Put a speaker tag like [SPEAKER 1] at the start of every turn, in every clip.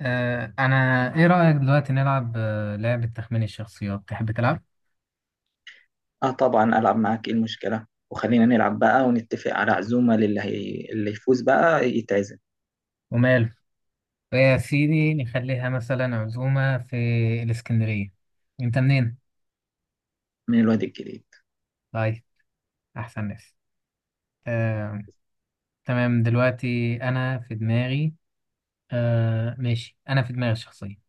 [SPEAKER 1] أنا إيه رأيك دلوقتي نلعب لعبة تخمين الشخصيات تحب تلعب؟
[SPEAKER 2] اه، طبعا العب معاك. ايه المشكله؟ وخلينا نلعب بقى ونتفق على عزومه اللي يفوز بقى يتعزم.
[SPEAKER 1] وماله؟ يا سيدي نخليها مثلا عزومة في الإسكندرية. أنت منين؟
[SPEAKER 2] من الواد الجديد.
[SPEAKER 1] طيب، أحسن ناس. آه، تمام دلوقتي أنا في دماغي. ماشي أنا في دماغي الشخصية.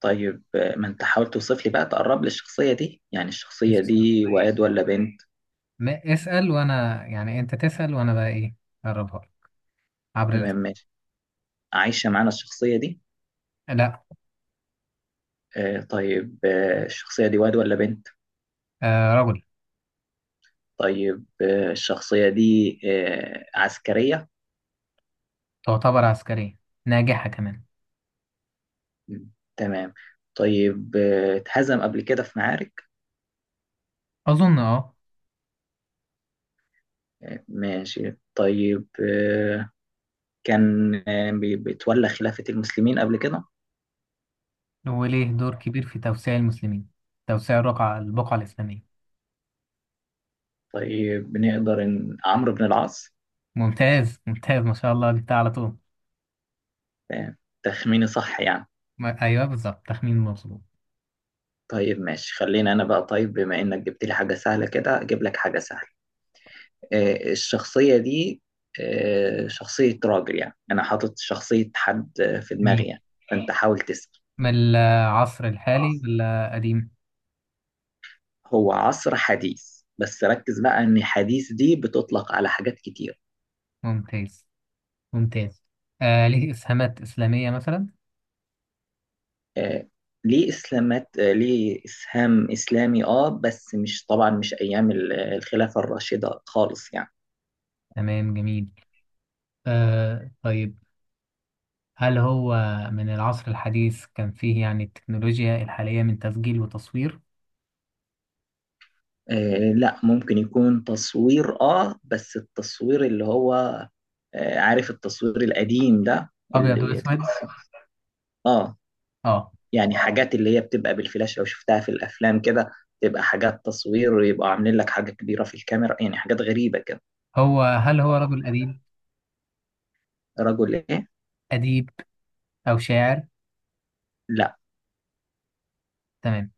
[SPEAKER 2] طيب، ما انت حاول توصف لي بقى، تقرب لي الشخصيه دي. يعني
[SPEAKER 1] إيش
[SPEAKER 2] الشخصيه دي
[SPEAKER 1] الشخصية.
[SPEAKER 2] واد ولا بنت؟
[SPEAKER 1] اسأل وأنا يعني أنت تسأل وأنا بقى إيه أقربها لك عبر
[SPEAKER 2] تمام
[SPEAKER 1] الأسئلة.
[SPEAKER 2] ماشي. عايشه معانا الشخصيه دي؟
[SPEAKER 1] لا.
[SPEAKER 2] آه، طيب. الشخصيه دي واد ولا بنت؟
[SPEAKER 1] رجل.
[SPEAKER 2] طيب، الشخصيه دي عسكريه؟
[SPEAKER 1] تعتبر عسكرية ناجحة كمان.
[SPEAKER 2] م، تمام. طيب، اتهزم قبل كده في معارك؟
[SPEAKER 1] أظن أه.
[SPEAKER 2] آه، ماشي. طيب. كان بيتولى خلافة المسلمين قبل كده؟
[SPEAKER 1] وليه دور كبير في توسيع المسلمين، توسيع الرقعة البقعة الإسلامية.
[SPEAKER 2] طيب، بنقدر إن عمرو بن العاص.
[SPEAKER 1] ممتاز ما شاء الله جبتها على طول.
[SPEAKER 2] آه، تخميني صح يعني؟
[SPEAKER 1] ما... أيوه بالظبط، تخمين مظبوط.
[SPEAKER 2] طيب ماشي. خلينا أنا بقى. طيب، بما إنك جبت لي حاجة سهلة كده، أجيب لك حاجة سهلة. الشخصية دي شخصية راجل. يعني أنا حاطط شخصية حد في دماغي
[SPEAKER 1] جميل.
[SPEAKER 2] يعني. فأنت حاول تسأل.
[SPEAKER 1] من العصر الحالي ولا قديم؟
[SPEAKER 2] هو عصر حديث، بس ركز بقى إن حديث دي بتطلق على حاجات كتير.
[SPEAKER 1] ممتاز ممتاز آه ليه إسهامات إسلامية مثلا؟
[SPEAKER 2] آه، ليه اسلامات آه، ليه اسهام اسلامي. اه، بس مش طبعا، مش ايام الخلافه الراشده خالص يعني.
[SPEAKER 1] تمام، جميل. آه طيب، هل هو من العصر الحديث كان فيه يعني التكنولوجيا الحالية من تسجيل وتصوير؟
[SPEAKER 2] آه، لا. ممكن يكون تصوير، اه، بس التصوير اللي هو... عارف التصوير القديم ده،
[SPEAKER 1] أبيض
[SPEAKER 2] اللي...
[SPEAKER 1] وأسود.
[SPEAKER 2] اه،
[SPEAKER 1] آه.
[SPEAKER 2] يعني حاجات اللي هي بتبقى بالفلاش لو شفتها في الافلام كده. تبقى حاجات تصوير، ويبقى عاملين لك حاجه كبيره في الكاميرا، يعني حاجات غريبه كده.
[SPEAKER 1] هو هل هو رجل أديب؟
[SPEAKER 2] رجل ايه؟
[SPEAKER 1] أديب أو شاعر؟
[SPEAKER 2] لا.
[SPEAKER 1] تمام.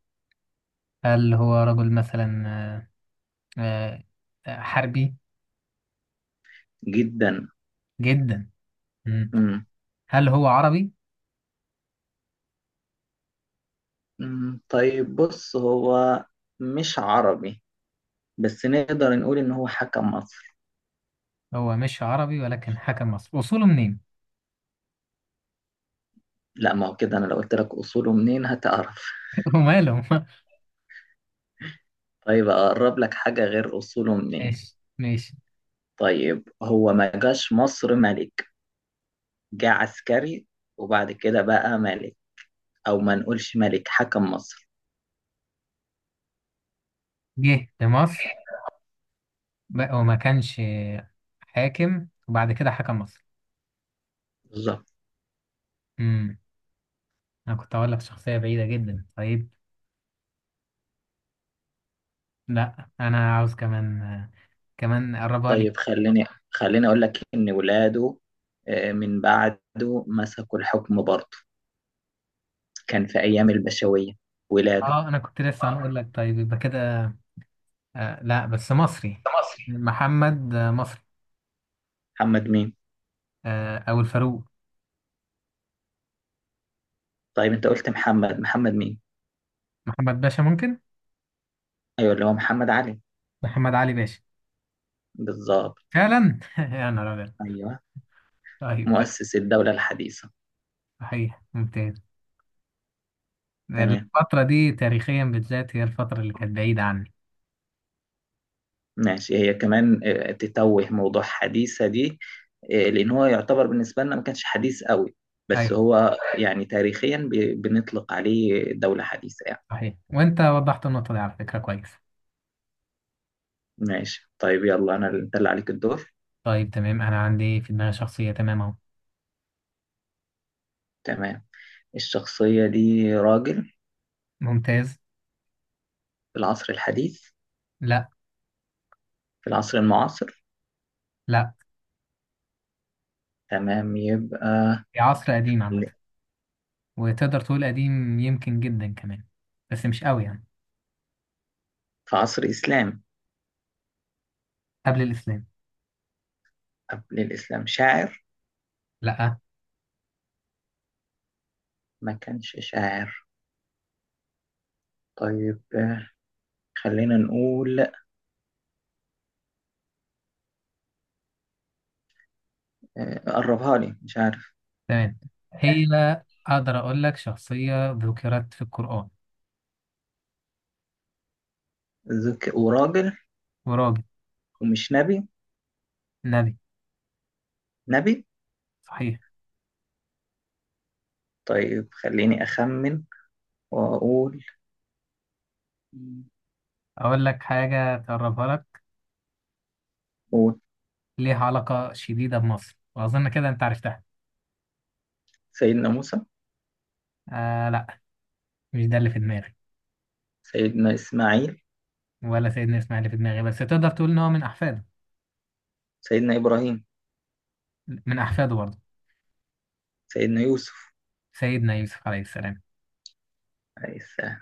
[SPEAKER 1] هل هو رجل مثلا حربي؟
[SPEAKER 2] جدا.
[SPEAKER 1] جدا. مم. هل هو عربي؟
[SPEAKER 2] مم، طيب بص. هو مش عربي، بس نقدر نقول إن هو حكم مصري.
[SPEAKER 1] هو مش عربي ولكن حكم مصر، اصوله منين؟
[SPEAKER 2] لا، ما هو كده. أنا لو قلت لك أصوله منين هتعرف.
[SPEAKER 1] وماله.
[SPEAKER 2] طيب، أقرب لك حاجة غير أصوله منين.
[SPEAKER 1] ماشي ماشي.
[SPEAKER 2] طيب، هو ما جاش مصر ملك. جه عسكري، وبعد كده بقى ملك. أو ما نقولش ملك، حكم مصر.
[SPEAKER 1] جه لمصر بقى وما كانش حاكم وبعد كده حكم مصر.
[SPEAKER 2] بالظبط.
[SPEAKER 1] مم. انا كنت اقول لك شخصية بعيدة جدا. طيب، لا انا عاوز كمان، كمان اقربها لك.
[SPEAKER 2] طيب، خليني أقول لك إن ولاده، من بعده، مسكوا الحكم برضه. كان في أيام البشوية، ولاده.
[SPEAKER 1] اه انا كنت لسه هنقول لك طيب يبقى كده. آه لا، بس مصري.
[SPEAKER 2] ده مصري.
[SPEAKER 1] محمد، مصري.
[SPEAKER 2] محمد مين؟
[SPEAKER 1] آه او الفاروق.
[SPEAKER 2] طيب، انت قلت محمد مين؟
[SPEAKER 1] محمد باشا ممكن.
[SPEAKER 2] ايوه، اللي هو محمد علي.
[SPEAKER 1] محمد علي باشا.
[SPEAKER 2] بالظبط.
[SPEAKER 1] فعلا يا نهار ابيض.
[SPEAKER 2] ايوه.
[SPEAKER 1] طيب تمام.
[SPEAKER 2] مؤسس الدولة الحديثة.
[SPEAKER 1] صحيح، ممتاز.
[SPEAKER 2] تمام
[SPEAKER 1] الفترة دي تاريخيا بالذات هي الفترة اللي كانت بعيدة عني.
[SPEAKER 2] ماشي. هي كمان تتوه، موضوع حديثة دي. لان هو يعتبر بالنسبة لنا ما كانش حديث قوي،
[SPEAKER 1] ايوه،
[SPEAKER 2] بس هو يعني تاريخيا بنطلق عليه دولة حديثة يعني.
[SPEAKER 1] صحيح، وانت وضحت النقطة دي على فكرة كويس.
[SPEAKER 2] ماشي طيب، يلا. انت اللي عليك الدور.
[SPEAKER 1] طيب تمام، انا عندي في دماغي شخصية تمام اهو.
[SPEAKER 2] تمام. الشخصية دي راجل.
[SPEAKER 1] ممتاز.
[SPEAKER 2] في العصر الحديث؟
[SPEAKER 1] لا.
[SPEAKER 2] في العصر المعاصر؟
[SPEAKER 1] لا.
[SPEAKER 2] تمام، يبقى
[SPEAKER 1] هي عصر قديم عامة،
[SPEAKER 2] ال-
[SPEAKER 1] وتقدر تقول قديم يمكن جدا كمان، بس مش قوي يعني.
[SPEAKER 2] في عصر إسلامي؟
[SPEAKER 1] قبل الإسلام.
[SPEAKER 2] قبل الإسلام شاعر؟
[SPEAKER 1] لا.
[SPEAKER 2] ما كانش شاعر. طيب، خلينا نقول قربها لي، مش عارف.
[SPEAKER 1] تمام. هي اقدر اقول لك شخصية ذكرت في القرآن.
[SPEAKER 2] وراجل.
[SPEAKER 1] وراجل.
[SPEAKER 2] ومش نبي؟
[SPEAKER 1] نبي.
[SPEAKER 2] نبي.
[SPEAKER 1] صحيح.
[SPEAKER 2] طيب، خليني أخمن وأقول.
[SPEAKER 1] أقول لك حاجة تقربها لك.
[SPEAKER 2] قول.
[SPEAKER 1] ليها علاقة شديدة بمصر وأظن كده أنت عرفتها.
[SPEAKER 2] سيدنا موسى.
[SPEAKER 1] آه لا، مش ده اللي في دماغي.
[SPEAKER 2] سيدنا إسماعيل.
[SPEAKER 1] ولا سيدنا إسماعيل اللي في دماغي، بس تقدر تقول إن هو من أحفاده.
[SPEAKER 2] سيدنا إبراهيم.
[SPEAKER 1] من أحفاده برضه.
[SPEAKER 2] سيدنا يوسف.
[SPEAKER 1] سيدنا يوسف عليه السلام.
[SPEAKER 2] عيسى.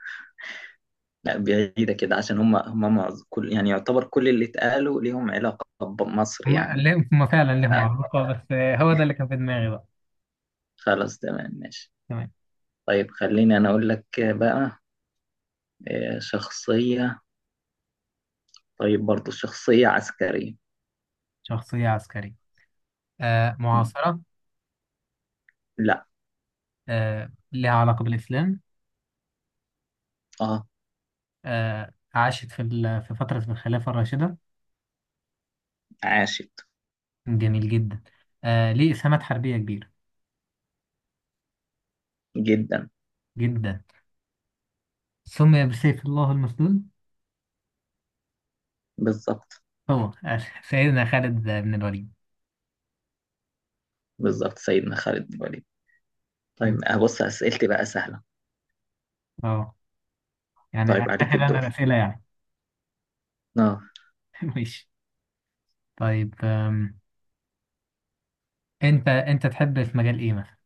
[SPEAKER 2] لا، بعيدة كده عشان كل، يعني يعتبر كل اللي اتقالوا ليهم علاقة بمصر
[SPEAKER 1] هما
[SPEAKER 2] يعني.
[SPEAKER 1] هما فعلا لهم علاقة، بس آه، هو ده اللي كان في دماغي بقى.
[SPEAKER 2] خلاص تمام ماشي.
[SPEAKER 1] تمام.
[SPEAKER 2] طيب، خليني أنا أقول لك بقى شخصية. طيب، برضو شخصية عسكرية.
[SPEAKER 1] شخصية عسكرية. آه
[SPEAKER 2] م.
[SPEAKER 1] معاصرة.
[SPEAKER 2] لا.
[SPEAKER 1] آه ليها علاقة بالإسلام.
[SPEAKER 2] اه.
[SPEAKER 1] آه عاشت في في فترة الخلافة الراشدة.
[SPEAKER 2] عاشت.
[SPEAKER 1] جميل جدا. آه ليه إسهامات حربية كبيرة.
[SPEAKER 2] جدا.
[SPEAKER 1] جدا. سمي بسيف الله المسلول.
[SPEAKER 2] بالظبط.
[SPEAKER 1] هو سيدنا خالد بن الوليد.
[SPEAKER 2] بالظبط، سيدنا خالد بن الوليد.
[SPEAKER 1] م.
[SPEAKER 2] طيب، بص أسئلتي بقى سهلة.
[SPEAKER 1] اه، يعني
[SPEAKER 2] طيب،
[SPEAKER 1] فاكر
[SPEAKER 2] عليك
[SPEAKER 1] انا
[SPEAKER 2] الدور.
[SPEAKER 1] الاسئله يعني.
[SPEAKER 2] اه.
[SPEAKER 1] ماشي. طيب انت تحب في مجال ايه مثلا؟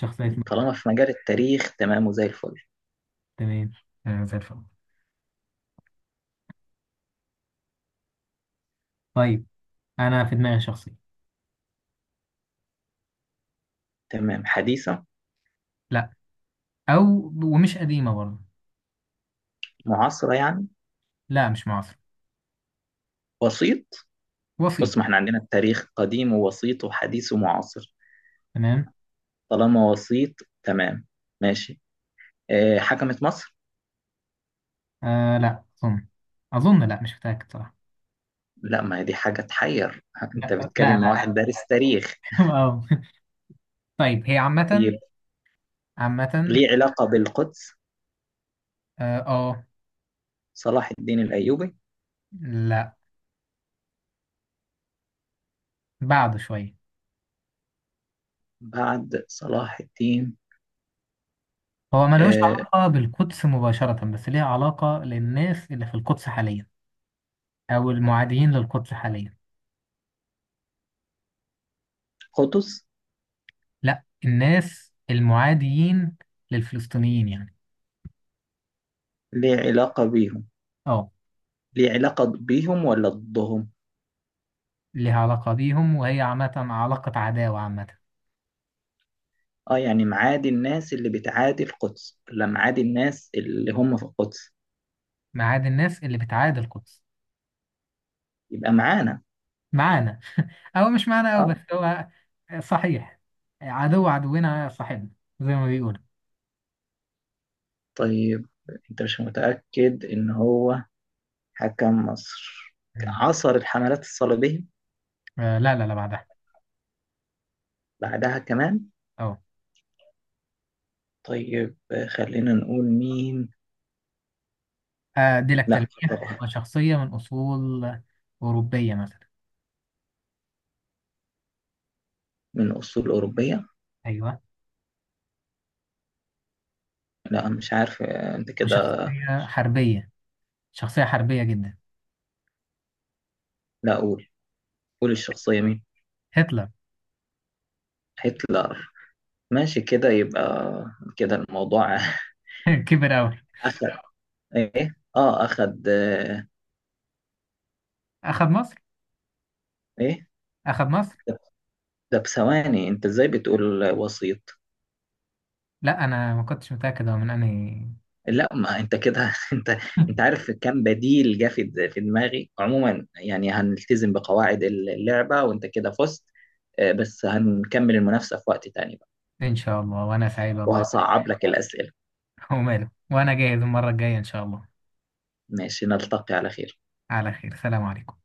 [SPEAKER 1] شخصيه مين؟
[SPEAKER 2] طالما في مجال التاريخ، تمام وزي الفل.
[SPEAKER 1] تمام. آه، زي الفل. طيب انا في دماغي شخصيه.
[SPEAKER 2] تمام. حديثة؟
[SPEAKER 1] لا. او ومش قديمه برضه.
[SPEAKER 2] معاصرة يعني؟
[SPEAKER 1] لا مش معاصره.
[SPEAKER 2] وسيط؟
[SPEAKER 1] وسيط.
[SPEAKER 2] بص، ما احنا عندنا التاريخ قديم ووسيط وحديث ومعاصر.
[SPEAKER 1] تمام.
[SPEAKER 2] طالما وسيط، تمام ماشي. حكمت مصر؟
[SPEAKER 1] آه لا اظن. اظن لا، مش متاكد صراحه.
[SPEAKER 2] لا، ما هي دي حاجة تحير. انت
[SPEAKER 1] لا لا
[SPEAKER 2] بتتكلم مع
[SPEAKER 1] لا لا.
[SPEAKER 2] واحد دارس تاريخ.
[SPEAKER 1] اه. طيب هي عامه.
[SPEAKER 2] طيب،
[SPEAKER 1] عامه.
[SPEAKER 2] ليه علاقة بالقدس؟
[SPEAKER 1] اه.
[SPEAKER 2] صلاح الدين الأيوبي.
[SPEAKER 1] لا بعد شويه.
[SPEAKER 2] بعد صلاح الدين.
[SPEAKER 1] هو ملوش
[SPEAKER 2] آه،
[SPEAKER 1] علاقة بالقدس مباشرة، بس ليها علاقة للناس اللي في القدس حاليا. أو المعاديين للقدس حاليا.
[SPEAKER 2] قطز.
[SPEAKER 1] لا، الناس المعاديين للفلسطينيين يعني.
[SPEAKER 2] ليه علاقة بيهم؟
[SPEAKER 1] اه.
[SPEAKER 2] ليه علاقة بيهم ولا ضدهم؟
[SPEAKER 1] ليها علاقة بيهم وهي عامة علاقة عداوة عامة.
[SPEAKER 2] اه. يعني معادي الناس اللي بتعادي القدس ولا معادي الناس اللي هم في القدس؟
[SPEAKER 1] معاد الناس اللي بتعادي القدس.
[SPEAKER 2] يبقى معانا.
[SPEAKER 1] معانا. أو مش معانا، أو بس
[SPEAKER 2] اه.
[SPEAKER 1] هو صحيح. عدو عدونا صاحبنا، زي ما بيقولوا.
[SPEAKER 2] طيب، انت مش متأكد ان هو حكم مصر؟
[SPEAKER 1] مم.
[SPEAKER 2] عصر الحملات الصليبية؟
[SPEAKER 1] آه لا لا لا، بعدها.
[SPEAKER 2] بعدها كمان؟
[SPEAKER 1] اه.
[SPEAKER 2] طيب، خلينا نقول مين.
[SPEAKER 1] آه، دي لك
[SPEAKER 2] لا
[SPEAKER 1] تلميح،
[SPEAKER 2] طبعا.
[SPEAKER 1] وشخصية من أصول أوروبية مثلا.
[SPEAKER 2] من أصول أوروبية؟
[SPEAKER 1] أيوه.
[SPEAKER 2] لا، مش عارف. انت كده.
[SPEAKER 1] وشخصية حربية. شخصية حربية جدا.
[SPEAKER 2] لا، أقول. قول الشخصية مين.
[SPEAKER 1] هتلر.
[SPEAKER 2] هتلر. ماشي، كده يبقى كده الموضوع.
[SPEAKER 1] كبر أوي.
[SPEAKER 2] أخد إيه آه أخد آه،
[SPEAKER 1] أخد مصر.
[SPEAKER 2] إيه؟
[SPEAKER 1] أخد مصر.
[SPEAKER 2] ده ده بثواني. أنت إزاي بتقول وسيط؟
[SPEAKER 1] لا أنا ما كنتش متأكد هو من أنهي.
[SPEAKER 2] لا، ما أنت كده. أنت أنت عارف كم بديل جه في دماغي عموما؟ يعني هنلتزم بقواعد اللعبة، وأنت كده فزت. بس هنكمل المنافسة في وقت تاني بقى.
[SPEAKER 1] إن شاء الله، وأنا سعيد والله.
[SPEAKER 2] وهصعب لك الأسئلة.
[SPEAKER 1] وماله، وأنا جاهز المرة الجاية إن شاء الله.
[SPEAKER 2] ماشي، نلتقي على خير.
[SPEAKER 1] على خير، سلام عليكم.